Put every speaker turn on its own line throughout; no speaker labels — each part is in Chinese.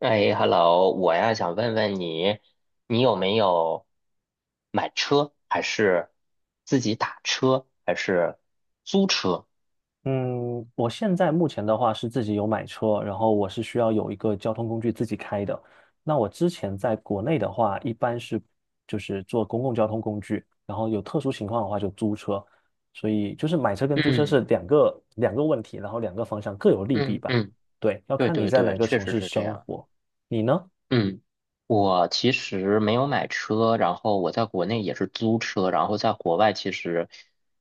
哎，hello，我呀想问问你，你有没有买车，还是自己打车，还是租车？
嗯，我现在目前的话是自己有买车，然后我是需要有一个交通工具自己开的。那我之前在国内的话，一般是就是坐公共交通工具，然后有特殊情况的话就租车。所以就是买车跟租车是
嗯
两个问题，然后两个方向各有利弊
嗯
吧。
嗯，
对，要
对
看你
对
在
对，
哪个
确
城
实
市
是这
生
样。
活。你呢？
嗯，我其实没有买车，然后我在国内也是租车，然后在国外其实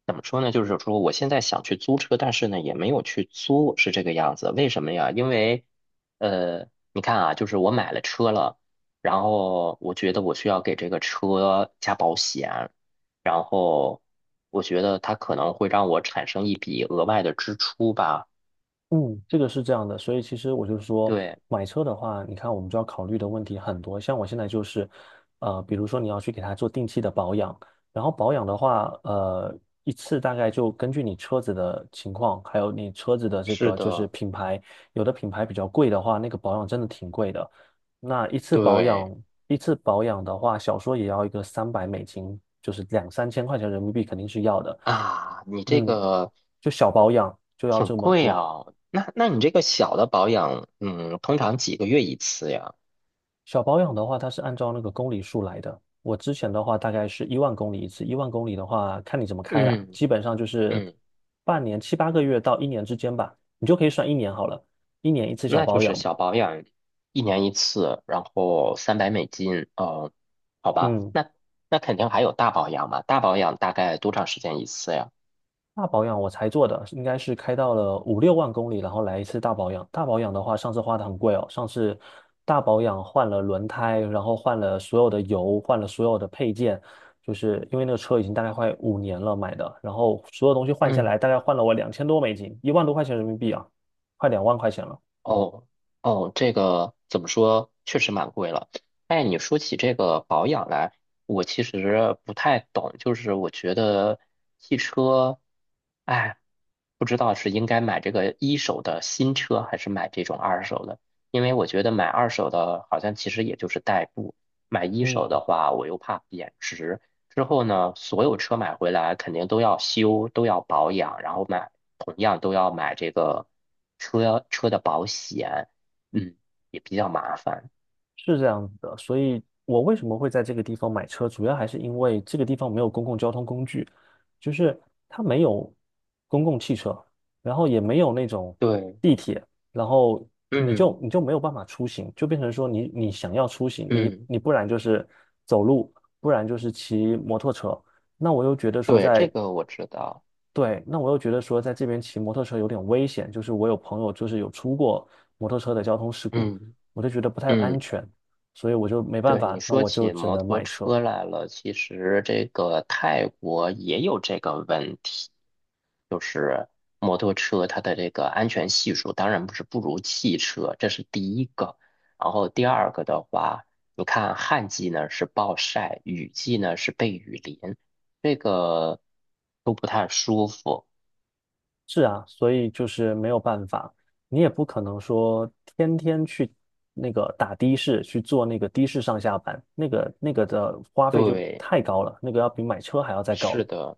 怎么说呢，就是说我现在想去租车，但是呢也没有去租，是这个样子。为什么呀？因为你看啊，就是我买了车了，然后我觉得我需要给这个车加保险，然后我觉得它可能会让我产生一笔额外的支出吧。
嗯，这个是这样的，所以其实我就说，
对，
买车的话，你看我们就要考虑的问题很多。像我现在就是，比如说你要去给它做定期的保养，然后保养的话，一次大概就根据你车子的情况，还有你车子的这
是
个就是
的，
品牌，有的品牌比较贵的话，那个保养真的挺贵的。那一次保养，
对。
一次保养的话，少说也要一个$300，就是两三千块钱人民币肯定是要的。
啊，你这
嗯，
个
就小保养就要
挺
这么
贵
多，
啊，那你这个小的保养，通常几个月一次呀？
小保养的话，它是按照那个公里数来的。我之前的话大概是一万公里一次，一万公里的话看你怎么开了，
嗯
基本上就是
嗯，
半年七八个月到一年之间吧，你就可以算一年好了，一年一次小
那就
保
是
养
小
吧。
保养，一年一次，然后300美金，哦，好吧，
嗯，
那肯定还有大保养嘛，大保养大概多长时间一次呀？
大保养我才做的，应该是开到了五六万公里，然后来一次大保养。大保养的话，上次花的很贵哦。上次大保养换了轮胎，然后换了所有的油，换了所有的配件，就是因为那个车已经大概快5年了买的，然后所有东西换下来，
嗯。
大概换了我$2,000多，10,000多块钱人民币啊，快20,000块钱了。
哦哦，这个怎么说，确实蛮贵了。哎，你说起这个保养来，我其实不太懂，就是我觉得汽车，哎，不知道是应该买这个一手的新车，还是买这种二手的，因为我觉得买二手的好像其实也就是代步，买一手
嗯。
的话我又怕贬值，之后呢，所有车买回来肯定都要修，都要保养，然后买，同样都要买这个车的保险，嗯，也比较麻烦。
是这样子的，所以我为什么会在这个地方买车，主要还是因为这个地方没有公共交通工具，就是它没有公共汽车，然后也没有那种
对，
地铁，然后你就
嗯
你就没有办法出行，就变成说你想要出行，你
嗯，
你不然就是走路，不然就是骑摩托车。那我又觉得说
对，这
在
个我知道，
对，那我又觉得说，在这边骑摩托车有点危险，就是我有朋友就是有出过摩托车的交通事故，
嗯
我就觉得不太安
嗯。
全，所以我就没办
对，你
法，那
说
我就
起
只
摩
能
托
买车。
车来了，其实这个泰国也有这个问题，就是摩托车它的这个安全系数当然不是不如汽车，这是第一个。然后第二个的话，你看旱季呢是暴晒，雨季呢是被雨淋，这个都不太舒服。
是啊，所以就是没有办法，你也不可能说天天去那个打的士，去坐那个的士上下班，那个的花费就
对，
太高了，那个要比买车还要再高。
是的。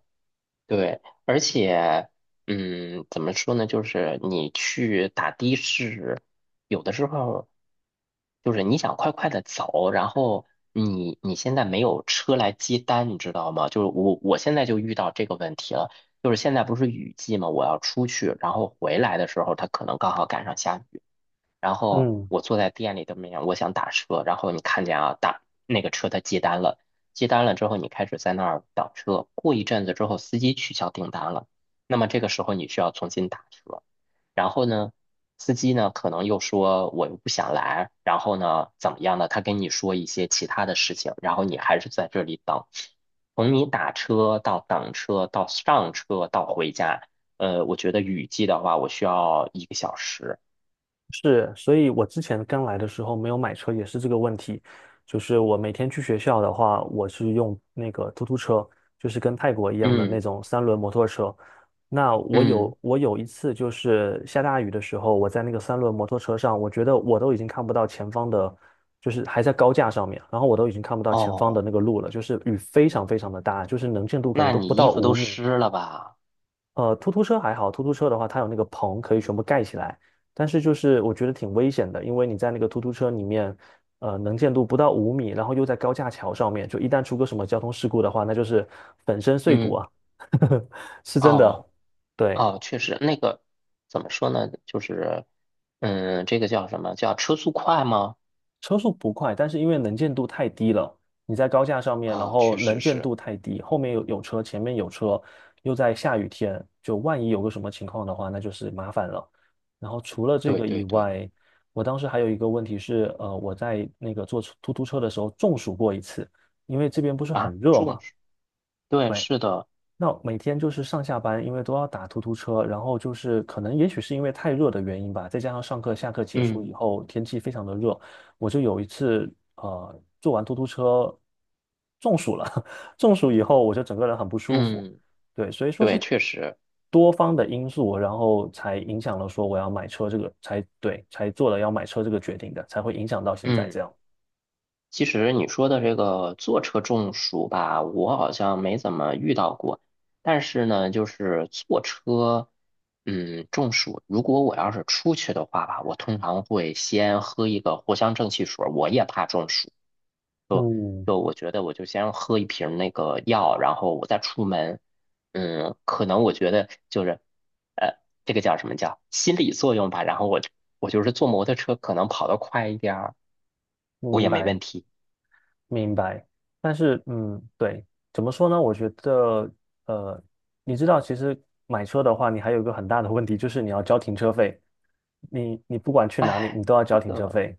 对，而且，怎么说呢？就是你去打的士，有的时候就是你想快快的走，然后你现在没有车来接单，你知道吗？就是我现在就遇到这个问题了，就是现在不是雨季嘛，我要出去，然后回来的时候，它可能刚好赶上下雨。然后
嗯。
我坐在店里的门面，我想打车，然后你看见啊，打那个车他接单了，接单了之后，你开始在那儿等车，过一阵子之后，司机取消订单了，那么这个时候你需要重新打车，然后呢，司机呢可能又说我又不想来，然后呢怎么样呢？他跟你说一些其他的事情，然后你还是在这里等，从你打车到等车到上车到回家，我觉得雨季的话，我需要1个小时。
是，所以我之前刚来的时候没有买车也是这个问题，就是我每天去学校的话，我是用那个突突车，就是跟泰国一样的那
嗯。
种三轮摩托车。那我
嗯，
有我有一次就是下大雨的时候，我在那个三轮摩托车上，我觉得我都已经看不到前方的，就是还在高架上面，然后我都已经看不到前方的
哦，
那个路了，就是雨非常非常的大，就是能见度可能
那
都
你
不
衣
到
服
五
都
米。
湿了吧？
突突车还好，突突车的话，它有那个棚可以全部盖起来，但是就是我觉得挺危险的，因为你在那个突突车里面，能见度不到五米，然后又在高架桥上面，就一旦出个什么交通事故的话，那就是粉身碎骨
嗯，
啊，是真的。
哦，
对，
哦，确实，那个怎么说呢？就是，这个叫什么？叫车速快吗？
车速不快，但是因为能见度太低了，你在高架上面，然
啊、
后
确
能
实
见
是，
度太低，后面有车，前面有车，又在下雨天，就万一有个什么情况的话，那就是麻烦了。然后除了这
对
个以
对对，
外，我当时还有一个问题是，我在那个坐出突突车的时候中暑过一次，因为这边不是
啊，
很热
重
嘛。
视，对，
对。
是的，
那每天就是上下班，因为都要打突突车，然后就是可能也许是因为太热的原因吧，再加上上课下课结束
嗯
以后天气非常的热，我就有一次坐完突突车中暑了，中暑以后我就整个人很不舒服，
嗯，
对，所以说是
对，确实，
多方的因素，然后才影响了说我要买车这个，才对，才做了要买车这个决定的，才会影响到现在这
嗯。
样。
其实你说的这个坐车中暑吧，我好像没怎么遇到过。但是呢，就是坐车，中暑，如果我要是出去的话吧，我通常会先喝一个藿香正气水儿，我也怕中暑。
嗯，
就我觉得我就先喝一瓶那个药，然后我再出门。嗯，可能我觉得就是，呃，这个叫什么叫心理作用吧。然后我就是坐摩托车，可能跑得快一点儿，我
明
也没
白。
问题。
明白，但是对，怎么说呢？我觉得，呃，你知道，其实买车的话，你还有一个很大的问题，就是你要交停车费。你不管去哪里，你
哎。
都要交停车费。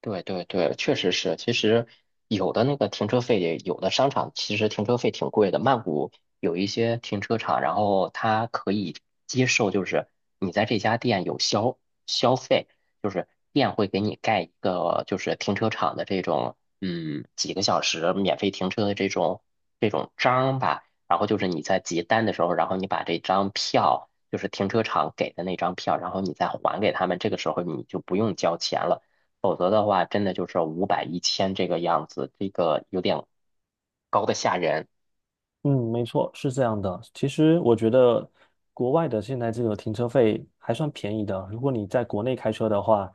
对对对，确实是。其实有的那个停车费，有的商场其实停车费挺贵的。曼谷有一些停车场，然后它可以接受，就是你在这家店有消费，就是店会给你盖一个就是停车场的这种几个小时免费停车的这种章吧。然后就是你在结单的时候，然后你把这张票，就是停车场给的那张票，然后你再还给他们，这个时候你就不用交钱了。否则的话，真的就是五百、一千这个样子，这个有点高的吓人。
嗯，没错，是这样的。其实我觉得国外的现在这个停车费还算便宜的。如果你在国内开车的话，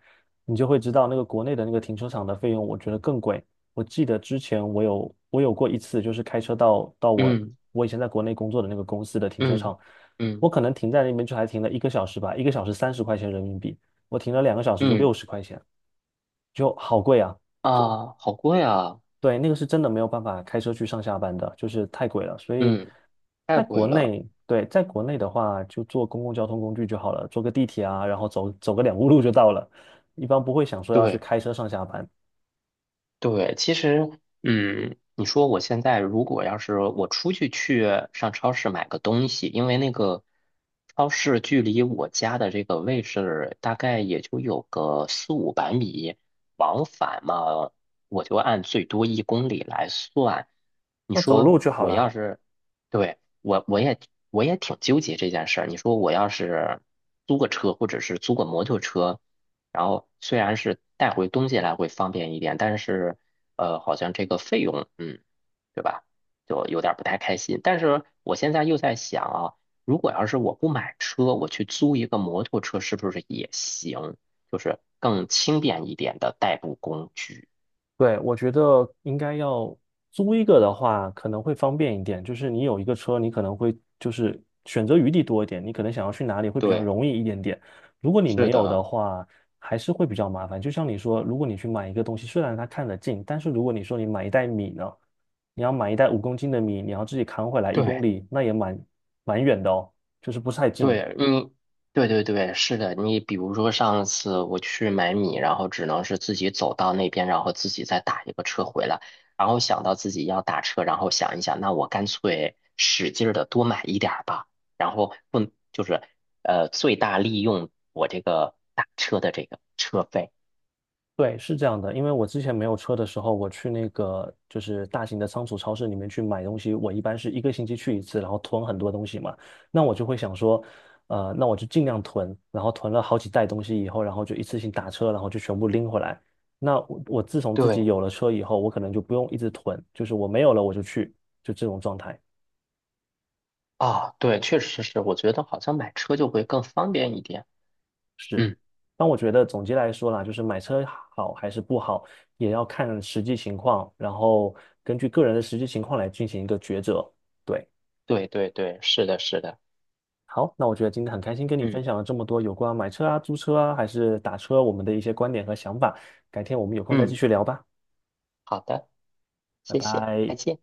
你就会知道那个国内的那个停车场的费用，我觉得更贵。我记得之前我有过一次，就是开车到我
嗯
我以前在国内工作的那个公司的停车
嗯
场，我
嗯
可能停在那边就还停了一个小时吧，一个小时30块钱人民币，我停了2个小时就
嗯
60块钱，就好贵啊。
啊，好贵啊！
对，那个是真的没有办法开车去上下班的，就是太贵了。所以
嗯，太
在国
贵了。
内，对，在国内的话，就坐公共交通工具就好了，坐个地铁啊，然后走走个两步路就到了，一般不会想说要去
对。
开车上下班，
对，其实，你说我现在如果要是我出去上超市买个东西，因为那个超市距离我家的这个位置大概也就有个四五百米，往返嘛，我就按最多1公里来算。你
那走路
说
就好
我要
了。
是，对，我也挺纠结这件事儿。你说我要是租个车，或者是租个摩托车。然后虽然是带回东西来会方便一点，但是好像这个费用，对吧？就有点儿不太开心。但是我现在又在想啊，如果要是我不买车，我去租一个摩托车，是不是也行？就是更轻便一点的代步工具。
对，我觉得应该要租一个的话，可能会方便一点。就是你有一个车，你可能会就是选择余地多一点，你可能想要去哪里会比较
对，
容易一点点。如果你
是
没有的
的，
话，还是会比较麻烦。就像你说，如果你去买一个东西，虽然它看得近，但是如果你说你买一袋米呢，你要买一袋5公斤的米，你要自己扛回来一公
对。
里，那也蛮远的哦，就是不是太近。
对你，对对对，是的。你比如说上次我去买米，然后只能是自己走到那边，然后自己再打一个车回来。然后想到自己要打车，然后想一想，那我干脆使劲的多买一点儿吧。然后不就是最大利用我这个打车的这个车费。
对，是这样的，因为我之前没有车的时候，我去那个就是大型的仓储超市里面去买东西，我一般是一个星期去一次，然后囤很多东西嘛。那我就会想说，那我就尽量囤，然后囤了好几袋东西以后，然后就一次性打车，然后就全部拎回来。那我自从自己
对
有了车以后，我可能就不用一直囤，就是我没有了我就去，就这种状态。
啊，对，确实是，我觉得好像买车就会更方便一点。
是，
嗯，
但我觉得总结来说啦，就是买车好还是不好，也要看实际情况，然后根据个人的实际情况来进行一个抉择。对，
对对对，是的，是的。
好，那我觉得今天很开心跟你分
嗯
享了这么多有关买车啊、租车啊，还是打车我们的一些观点和想法。改天我们有空再继
嗯，
续聊吧，
好的，
拜
谢谢，再
拜。
见。